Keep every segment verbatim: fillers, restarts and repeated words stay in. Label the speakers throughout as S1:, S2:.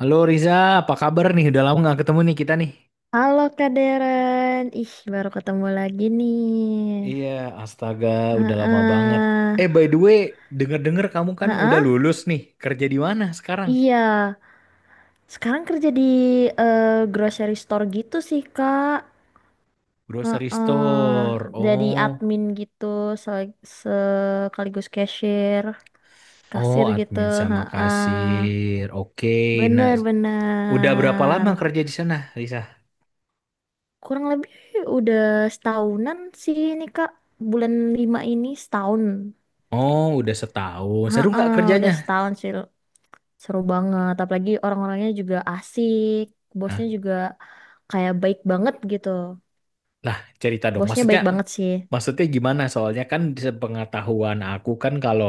S1: Halo Riza, apa kabar nih? Udah lama nggak ketemu nih kita nih.
S2: Halo Kak Deren, ih baru ketemu lagi nih.
S1: Iya, astaga, udah lama banget.
S2: Heeh,
S1: Eh, by the way, denger-denger kamu kan udah
S2: heeh,
S1: lulus nih. Kerja di mana sekarang?
S2: iya. Sekarang kerja di eh, grocery store gitu sih Kak.
S1: Grocery
S2: Heeh,
S1: store.
S2: jadi
S1: Oh,
S2: admin gitu, sel- sekaligus cashier,
S1: oh
S2: kasir gitu.
S1: admin sama
S2: Heeh,
S1: kasir. Oke, nah udah berapa lama
S2: bener-bener.
S1: kerja di sana, Riza?
S2: Kurang lebih udah setahunan sih ini Kak. Bulan lima ini setahun.
S1: Oh, udah setahun. Seru
S2: Heeh,
S1: nggak kerjanya?
S2: udah setahun sih. Seru banget, apalagi orang-orangnya juga asik, bosnya juga kayak baik banget gitu.
S1: Nah, cerita dong.
S2: Bosnya
S1: Maksudnya,
S2: baik banget sih.
S1: maksudnya gimana? Soalnya kan sepengetahuan aku kan kalau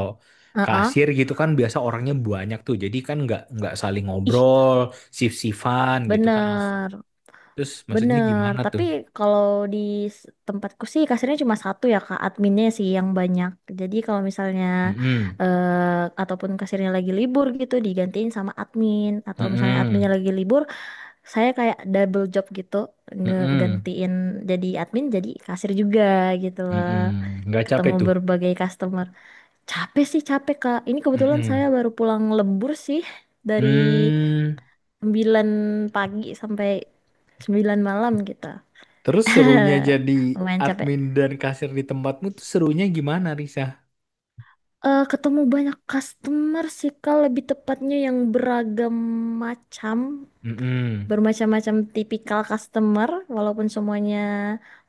S2: Heeh.
S1: kasir gitu kan biasa orangnya banyak tuh. Jadi kan nggak nggak saling
S2: Ih,
S1: ngobrol, sif-sifan gitu kan langsung.
S2: bener,
S1: Terus maksudnya
S2: bener.
S1: gimana tuh?
S2: Tapi kalau di s- tempatku sih kasirnya cuma satu ya Kak, adminnya sih yang banyak. Jadi kalau misalnya
S1: Mm-mm.
S2: eh, ataupun kasirnya lagi libur gitu digantiin sama admin atau misalnya adminnya
S1: Mm-mm.
S2: lagi libur, saya kayak double job gitu,
S1: Mm-mm.
S2: ngegantiin jadi admin jadi kasir juga gitu loh,
S1: Mm-mm. Nggak capek
S2: ketemu
S1: tuh.
S2: berbagai customer. Capek sih capek Kak, ini kebetulan saya
S1: Mm-mm.
S2: baru pulang lembur sih, dari
S1: Hmm.
S2: sembilan pagi sampai sembilan malam gitu.
S1: Terus serunya jadi
S2: Lumayan capek.
S1: admin dan kasir di tempatmu tuh serunya gimana, Risa?
S2: Eh ketemu banyak customer sih Kak, lebih tepatnya yang beragam macam,
S1: Mm-mm.
S2: bermacam-macam tipikal customer, walaupun semuanya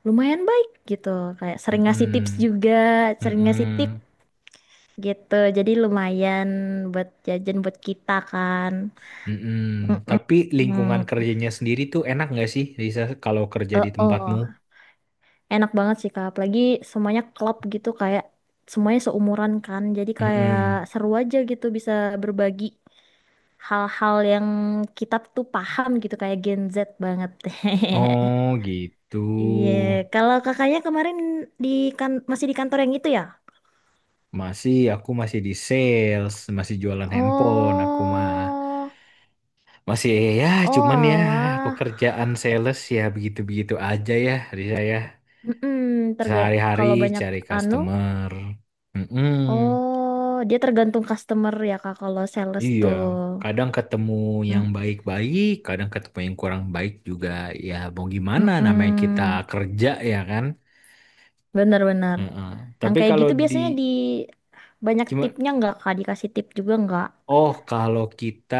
S2: lumayan baik gitu, kayak sering ngasih tips
S1: Mm-mm.
S2: juga, sering ngasih tip
S1: Mm-mm.
S2: gitu, jadi lumayan buat jajan buat kita kan.
S1: Mm-mm.
S2: Mm-mm.
S1: Tapi lingkungan
S2: Hmm,
S1: kerjanya sendiri tuh enak nggak sih, Lisa, kalau kerja
S2: eh,
S1: di tempatmu?
S2: oh enak banget sih kak, apalagi semuanya klop gitu, kayak semuanya seumuran kan, jadi kayak
S1: Mm-mm.
S2: seru aja gitu, bisa berbagi hal-hal yang kita tuh paham gitu, kayak Gen Z banget.
S1: Oh gitu.
S2: Iya, kalau kakaknya kemarin di, kan masih di kantor yang itu ya?
S1: Masih, aku masih di sales, masih jualan handphone, aku mah
S2: Oh,
S1: masih ya,
S2: oh
S1: cuman ya
S2: alah.
S1: pekerjaan sales ya begitu-begitu aja ya, Lisa ya.
S2: Mm terga
S1: Sehari-hari
S2: Kalau banyak
S1: cari
S2: anu,
S1: customer. Mm-mm.
S2: oh, dia tergantung customer ya kak kalau sales
S1: Iya,
S2: tuh.
S1: kadang ketemu yang
S2: Mm,
S1: baik-baik, kadang ketemu yang kurang baik juga. Ya mau gimana namanya kita
S2: mm-mm,
S1: kerja ya kan?
S2: benar-benar.
S1: Heeh.
S2: Yang
S1: Tapi
S2: kayak
S1: kalau
S2: gitu
S1: di
S2: biasanya di, banyak
S1: cuma
S2: tipnya nggak kak? Dikasih tip juga nggak?
S1: oh kalau kita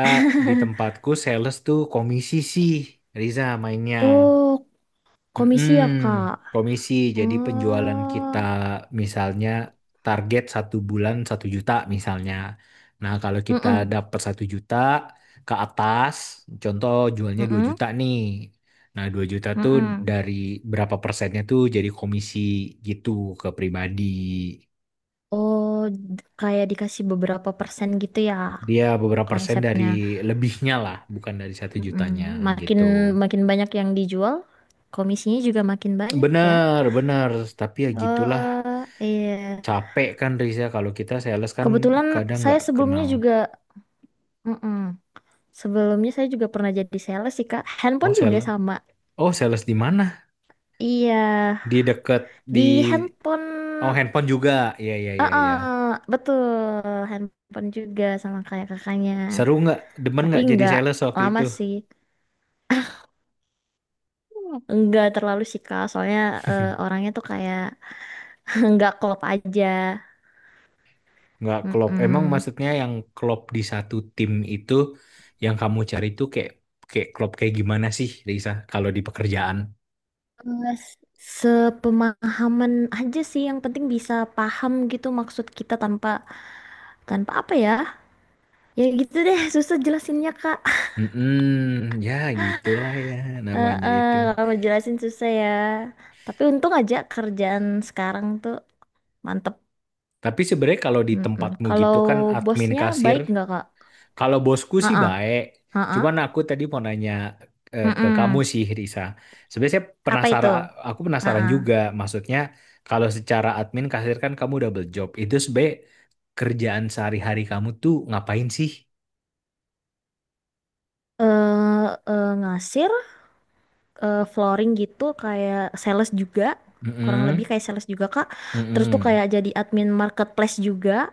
S1: di tempatku sales tuh komisi sih Riza mainnya.
S2: Oh,
S1: Mm-mm,
S2: komisi ya kak?
S1: komisi. Jadi penjualan kita
S2: Oh.
S1: misalnya target satu bulan satu juta misalnya. Nah kalau kita
S2: Mm-mm,
S1: dapat satu juta ke atas, contoh jualnya dua
S2: mm-mm,
S1: juta nih. Nah dua juta tuh
S2: mm-mm.
S1: dari berapa persennya tuh jadi komisi gitu ke pribadi.
S2: Oh, d- kayak dikasih beberapa persen gitu ya
S1: Dia beberapa persen dari
S2: konsepnya.
S1: lebihnya lah, bukan dari satu jutanya
S2: Mm-mm. Makin
S1: gitu.
S2: makin banyak yang dijual, komisinya juga makin banyak ya.
S1: Bener, bener. Tapi ya gitulah.
S2: Oh, iya.
S1: Capek kan Riz ya kalau kita sales kan
S2: Kebetulan
S1: kadang
S2: saya
S1: nggak
S2: sebelumnya
S1: kenal.
S2: juga, mm-mm. Sebelumnya saya juga pernah jadi sales sih Kak.
S1: Oh
S2: Handphone juga
S1: sales,
S2: sama.
S1: oh sales di mana?
S2: Iya,
S1: Di deket di
S2: di
S1: oh
S2: handphone,
S1: handphone juga. Iya iya iya
S2: uh
S1: iya.
S2: betul, handphone juga sama kayak kakaknya.
S1: Seru nggak? Demen
S2: Tapi
S1: nggak jadi
S2: nggak
S1: sales waktu
S2: lama
S1: itu?
S2: sih. Enggak terlalu sih Kak, soalnya eh, orangnya tuh kayak, enggak klop aja.
S1: Nggak klop. Emang
S2: Mm-mm.
S1: maksudnya yang klop di satu tim itu yang kamu cari itu kayak kayak klop kayak gimana sih Risa kalau di pekerjaan?
S2: Eh, s- Sepemahaman aja sih, yang penting bisa paham gitu maksud kita tanpa, tanpa apa ya? Ya gitu deh, susah jelasinnya Kak.
S1: Mm ya gitulah ya
S2: Eh,
S1: namanya
S2: eh,
S1: itu.
S2: Kalau jelasin susah ya. Tapi untung aja kerjaan sekarang tuh mantep.
S1: Tapi sebenarnya kalau di
S2: Mm-mm.
S1: tempatmu
S2: Kalau
S1: gitu kan admin
S2: bosnya
S1: kasir.
S2: baik nggak Kak?
S1: Kalau bosku sih
S2: Heeh.
S1: baik. Cuman aku tadi mau nanya eh, ke kamu
S2: Mm-mm.
S1: sih, Risa. Sebenarnya saya
S2: Apa itu?
S1: penasaran, aku penasaran
S2: Heeh.
S1: juga. Maksudnya kalau secara admin kasir kan kamu double job. Itu sebenarnya kerjaan sehari-hari kamu tuh ngapain sih?
S2: Eh, eh, Ngasih eh, flooring gitu, kayak sales juga, kurang lebih
S1: Mm-mm,
S2: kayak sales juga kak, terus tuh
S1: mm-mm,
S2: kayak jadi admin marketplace juga,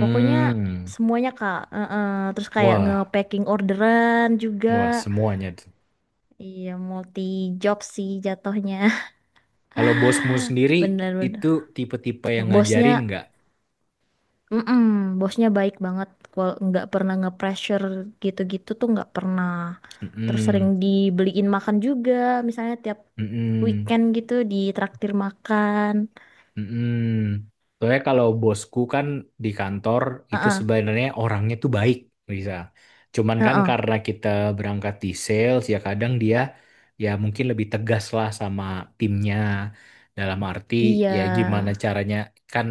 S2: pokoknya semuanya kak. Eh, eh. Terus kayak
S1: Wah,
S2: nge-packing orderan
S1: wah
S2: juga,
S1: semuanya tuh.
S2: iya multi job sih jatuhnya.
S1: Kalau bosmu sendiri
S2: Bener-bener,
S1: itu tipe-tipe yang ngajarin
S2: bosnya,
S1: nggak?
S2: mm-mm, bosnya baik banget, kalau nggak pernah nge-pressure gitu-gitu tuh nggak pernah, terus sering
S1: Mm-mm,
S2: dibeliin makan juga, misalnya tiap
S1: mm-mm.
S2: weekend gitu ditraktir makan.
S1: Mm-mm. Soalnya kalau bosku kan di kantor itu
S2: Heeh,
S1: sebenarnya orangnya tuh baik, bisa. Cuman kan
S2: heeh.
S1: karena kita berangkat di sales ya kadang dia ya mungkin lebih tegas lah sama timnya. Dalam arti
S2: Iya,
S1: ya gimana caranya kan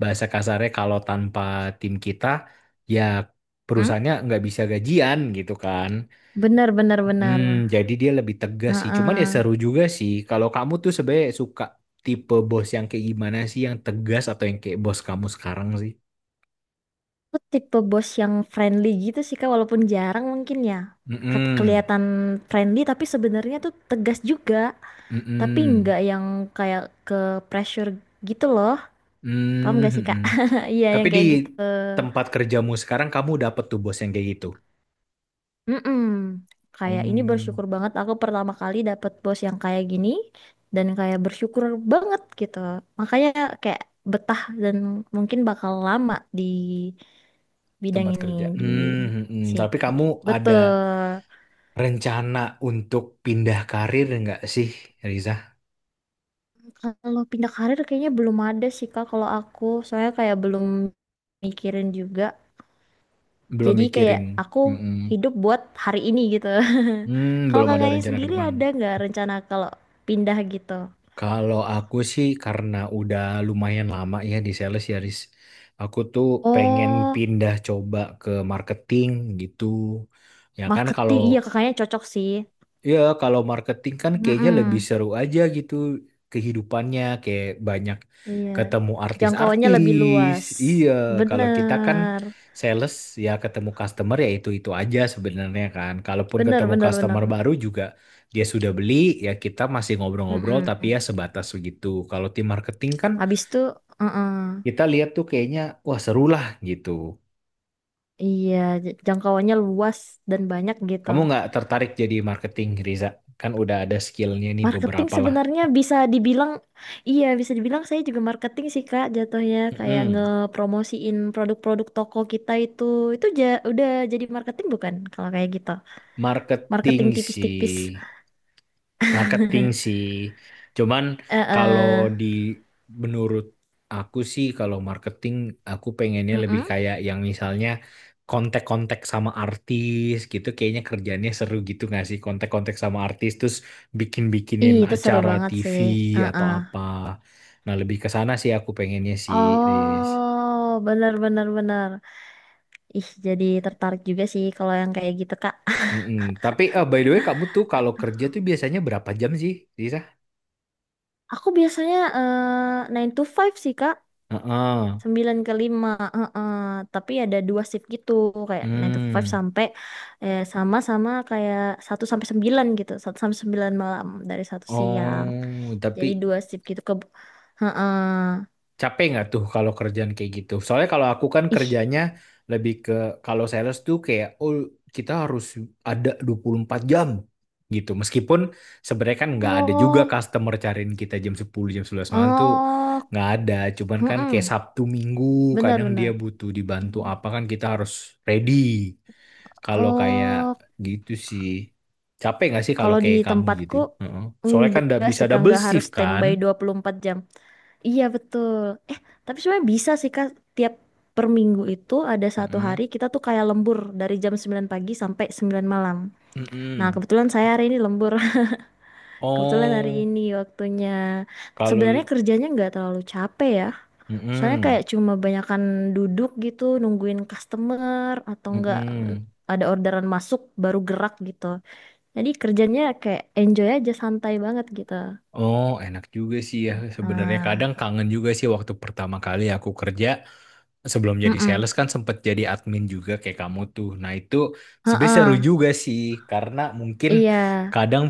S1: bahasa kasarnya kalau tanpa tim kita ya
S2: hmm?
S1: perusahaannya nggak bisa gajian gitu kan.
S2: Benar benar benar.
S1: Hmm, jadi dia lebih tegas sih. Cuman ya
S2: Heeh.
S1: seru juga sih. Kalau kamu tuh sebenarnya suka tipe bos yang kayak gimana sih? Yang tegas atau yang kayak bos kamu sekarang sih?
S2: Aku tipe bos yang friendly gitu sih Kak, walaupun jarang mungkin ya. Ket-
S1: Mm-mm.
S2: Kelihatan friendly tapi sebenarnya tuh tegas juga, tapi
S1: Mm-mm.
S2: nggak yang kayak ke pressure gitu loh. Paham
S1: Mm,
S2: gak sih Kak?
S1: mm-mm.
S2: Iya,
S1: Tapi
S2: yang
S1: di
S2: kayak gitu.
S1: tempat kerjamu sekarang kamu dapet tuh bos yang kayak gitu.
S2: Mm-mm. Kayak ini
S1: Hmm,
S2: bersyukur banget aku pertama kali dapet bos yang kayak gini, dan kayak bersyukur banget gitu. Makanya kayak betah, dan mungkin bakal lama di bidang
S1: tempat
S2: ini,
S1: kerja.
S2: di
S1: Hmm, hmm. Tapi
S2: sini.
S1: kamu ada
S2: Betul.
S1: rencana untuk pindah karir nggak sih, Riza?
S2: Kalau pindah karir kayaknya belum ada sih Kak kalau aku. Soalnya kayak belum mikirin juga.
S1: Belum
S2: Jadi kayak
S1: mikirin.
S2: aku
S1: Mm-mm. Hmm,
S2: hidup buat hari ini gitu.
S1: Hmm,
S2: Kalau
S1: belum ada
S2: kakaknya
S1: rencana ke
S2: sendiri
S1: depan.
S2: ada nggak rencana kalau pindah gitu?
S1: Kalau aku sih karena udah lumayan lama ya di sales ya, Riz. Aku tuh pengen
S2: Oh,
S1: pindah coba ke marketing gitu. Ya kan kalau
S2: marketing. Iya kakaknya cocok sih.
S1: ya, kalau marketing kan kayaknya lebih
S2: Mm-mm.
S1: seru aja gitu kehidupannya kayak banyak
S2: Iya.
S1: ketemu
S2: Jangkauannya lebih
S1: artis-artis.
S2: luas.
S1: Iya, kalau kita kan
S2: Bener.
S1: sales ya ketemu customer ya itu-itu aja sebenarnya kan. Kalaupun
S2: Bener,
S1: ketemu
S2: bener,
S1: customer
S2: bener.
S1: baru juga dia sudah beli ya kita masih ngobrol-ngobrol tapi
S2: Mm-mm.
S1: ya sebatas begitu. Kalau tim marketing kan
S2: Habis itu, uh-uh.
S1: kita lihat tuh kayaknya wah seru lah gitu.
S2: Iya, j- jangkauannya luas dan banyak gitu.
S1: Kamu nggak tertarik jadi marketing Riza? Kan udah ada skillnya nih
S2: Marketing
S1: beberapa lah.
S2: sebenarnya bisa dibilang, iya bisa dibilang saya juga marketing sih Kak jatuhnya, kayak
S1: Mm-mm.
S2: ngepromosiin produk-produk toko kita itu itu ja, udah jadi marketing bukan kalau kayak gitu.
S1: Marketing
S2: Marketing tipis-tipis.
S1: sih, marketing sih. Cuman
S2: Eh,
S1: kalau
S2: eh,
S1: di menurut aku sih kalau marketing aku pengennya lebih
S2: mm-mm.
S1: kayak yang misalnya kontak-kontak sama artis gitu kayaknya kerjanya seru gitu nggak sih kontak-kontak sama artis terus bikin-bikinin
S2: Ih, itu seru
S1: acara
S2: banget
S1: T V
S2: sih. Eh,
S1: atau
S2: eh.
S1: apa. Nah, lebih ke sana sih aku pengennya sih, Riz.
S2: Oh, benar-benar benar benar benar. Ih, jadi tertarik juga sih kalau yang kayak gitu Kak.
S1: Mm-mm. Tapi eh, by the way kamu tuh kalau kerja tuh biasanya berapa jam sih, Risa?
S2: Aku biasanya eh nine to five sih Kak.
S1: Heeh.
S2: Sembilan ke lima, heeh. Tapi ada dua shift gitu, kayak nine to five
S1: Hmm.
S2: sampai eh, sama-sama kayak satu sampai sembilan gitu, satu sampai sembilan malam dari satu siang.
S1: Oh,
S2: Jadi
S1: tapi
S2: dua shift gitu ke heeh.
S1: capek nggak tuh kalau kerjaan kayak gitu? Soalnya kalau aku kan
S2: Ih,
S1: kerjanya lebih ke kalau sales tuh kayak oh kita harus ada dua puluh empat jam gitu. Meskipun sebenarnya kan nggak ada juga
S2: oh,
S1: customer cariin kita jam sepuluh, jam sebelas malam tuh
S2: oh,
S1: nggak ada. Cuman kan
S2: heeh.
S1: kayak Sabtu Minggu kadang dia
S2: Benar-benar.
S1: butuh dibantu apa kan kita harus ready. Kalau kayak
S2: Oh,
S1: gitu sih capek nggak sih kalau
S2: kalau di
S1: kayak kamu gitu?
S2: tempatku
S1: Heeh. Soalnya kan nggak
S2: enggak
S1: bisa
S2: sih Kak,
S1: double
S2: enggak harus
S1: shift kan?
S2: standby dua puluh empat jam. Iya betul. Eh, tapi sebenarnya bisa sih Kak, tiap per minggu itu ada satu hari kita tuh kayak lembur dari jam sembilan pagi sampai sembilan malam. Nah,
S1: Mm-mm.
S2: kebetulan saya hari ini lembur. Kebetulan hari
S1: Oh,
S2: ini waktunya. Sebenarnya
S1: kalau
S2: kerjanya nggak terlalu capek ya. Soalnya
S1: mm-mm.
S2: kayak cuma banyakan duduk gitu, nungguin customer atau nggak
S1: Mm-mm.
S2: ada orderan masuk baru gerak gitu. Jadi kerjanya kayak enjoy aja, santai banget gitu.
S1: Oh, enak juga sih ya. Sebenarnya
S2: Nah,
S1: kadang kangen juga sih waktu pertama kali aku kerja sebelum jadi
S2: mm-mm.
S1: sales kan sempet jadi admin juga kayak kamu tuh. Nah, itu sebenarnya
S2: Heeh,
S1: seru juga sih karena mungkin
S2: iya,
S1: kadang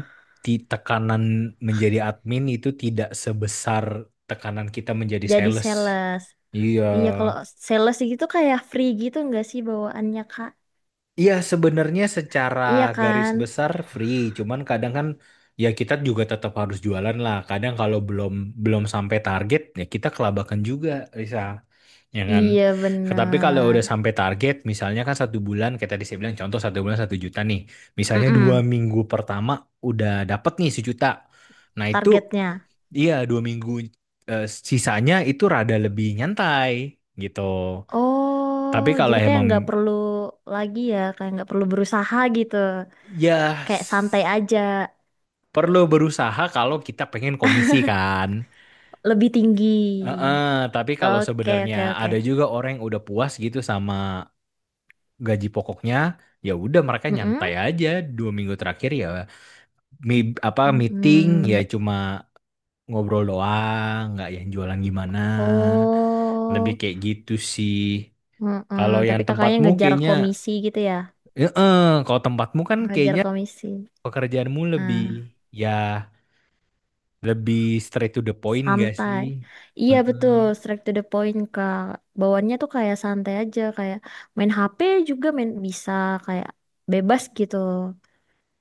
S1: ti- tekanan menjadi admin itu tidak sebesar tekanan kita menjadi
S2: jadi
S1: sales.
S2: sales.
S1: Iya.
S2: Iya kalau sales gitu kayak free gitu nggak sih bawaannya Kak?
S1: Iya, sebenarnya secara
S2: Iya
S1: garis
S2: kan?
S1: besar free, cuman kadang kan ya kita juga tetap harus jualan lah. Kadang kalau belum belum sampai target ya kita kelabakan juga, Risa, ya kan.
S2: Iya
S1: Tapi kalau
S2: bener.
S1: udah sampai target, misalnya kan satu bulan, kayak tadi saya bilang contoh satu bulan satu juta nih, misalnya dua
S2: Mm-mm,
S1: minggu pertama udah dapet nih sejuta. Nah itu,
S2: targetnya.
S1: iya dua minggu eh, sisanya itu rada lebih nyantai gitu.
S2: Oh,
S1: Tapi kalau
S2: jadi kayak nggak
S1: emang
S2: perlu lagi ya, kayak nggak perlu berusaha gitu.
S1: ya
S2: Kayak santai aja,
S1: perlu berusaha kalau kita pengen komisi kan.
S2: lebih tinggi.
S1: Heeh, tapi kalau
S2: Oke,
S1: sebenarnya
S2: oke, oke.
S1: ada juga orang yang udah puas gitu sama gaji pokoknya, ya udah mereka nyantai
S2: Mm-mm.
S1: aja dua minggu terakhir ya mi- apa meeting ya
S2: Mm-mm.
S1: cuma ngobrol doang, nggak yang jualan gimana. Lebih
S2: Oh,
S1: kayak gitu sih.
S2: mm-mm.
S1: Kalau yang
S2: Tapi kakaknya
S1: tempatmu
S2: ngejar
S1: kayaknya,
S2: komisi gitu ya?
S1: heeh, kalau tempatmu kan
S2: Ngejar
S1: kayaknya
S2: komisi.
S1: pekerjaanmu lebih
S2: Nah.
S1: ya lebih straight to the point gak sih?
S2: Santai. Iya betul,
S1: Heeh.
S2: straight to the point Kak. Bawaannya tuh kayak santai aja, kayak main H P juga main bisa, kayak bebas gitu.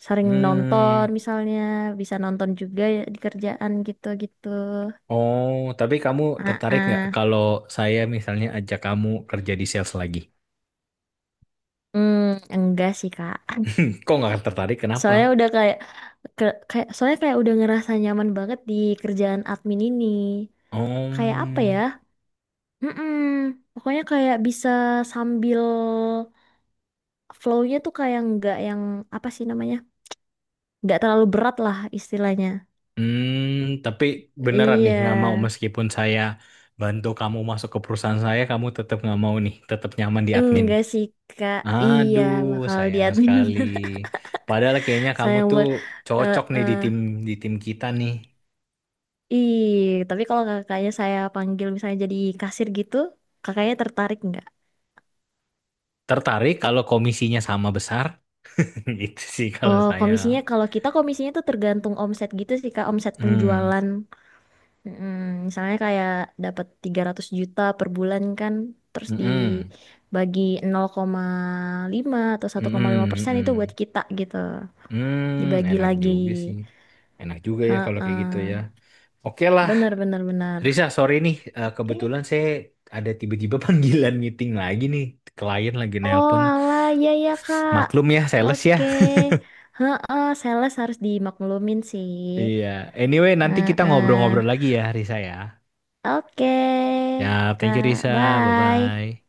S2: Sering
S1: Hmm.
S2: nonton misalnya, bisa nonton juga ya di kerjaan gitu-gitu.
S1: Oh, tapi kamu
S2: Ah,
S1: tertarik nggak
S2: ah.
S1: kalau saya misalnya ajak kamu kerja di sales lagi?
S2: Hmm, enggak sih Kak.
S1: Kok nggak tertarik? Kenapa?
S2: Soalnya udah kayak, ke- kayak soalnya kayak udah ngerasa nyaman banget di kerjaan admin ini. Kayak apa
S1: Oh,
S2: ya? Mm-mm. Pokoknya kayak bisa sambil, flow-nya tuh kayak nggak yang, apa sih namanya? Nggak terlalu berat lah istilahnya.
S1: hmm, tapi beneran nih nggak
S2: Iya.
S1: mau meskipun saya bantu kamu masuk ke perusahaan saya, kamu tetap nggak mau nih, tetap nyaman di admin.
S2: Enggak sih, Kak. Iya,
S1: Aduh,
S2: bakal di
S1: sayang
S2: admin.
S1: sekali. Padahal kayaknya kamu
S2: Saya
S1: tuh
S2: mau eh
S1: cocok nih di tim
S2: eh.
S1: di tim kita nih.
S2: Ih, tapi kalau kakaknya saya panggil misalnya jadi kasir gitu, kakaknya tertarik nggak?
S1: Tertarik kalau komisinya sama besar? Itu sih kalau
S2: Oh,
S1: saya.
S2: komisinya kalau kita komisinya tuh tergantung omset gitu sih, Kak, omset
S1: Hmm.
S2: penjualan. Mm, misalnya kayak dapat tiga ratus juta per bulan kan, terus
S1: Mm-mm.
S2: dibagi nol koma lima atau satu koma lima
S1: Mm-mm.
S2: persen itu buat
S1: Mm-mm.
S2: kita gitu.
S1: Hmm,
S2: Dibagi
S1: enak
S2: lagi.
S1: juga sih. Enak juga ya kalau kayak gitu ya.
S2: Heeh.
S1: Oke lah,
S2: Bener, bener, bener.
S1: Risa, sorry nih. Eh,
S2: Oke.
S1: kebetulan saya ada tiba-tiba panggilan meeting lagi nih. Klien lagi
S2: Oh
S1: nelpon.
S2: alah, iya ya Kak.
S1: Maklum ya, sales ya.
S2: Oke. Heeh, sales harus dimaklumin sih.
S1: Iya. Anyway, nanti kita
S2: Heeh.
S1: ngobrol-ngobrol lagi ya, Risa ya.
S2: Oke,
S1: Ya, thank you
S2: Kak.
S1: Risa.
S2: Bye.
S1: Bye-bye.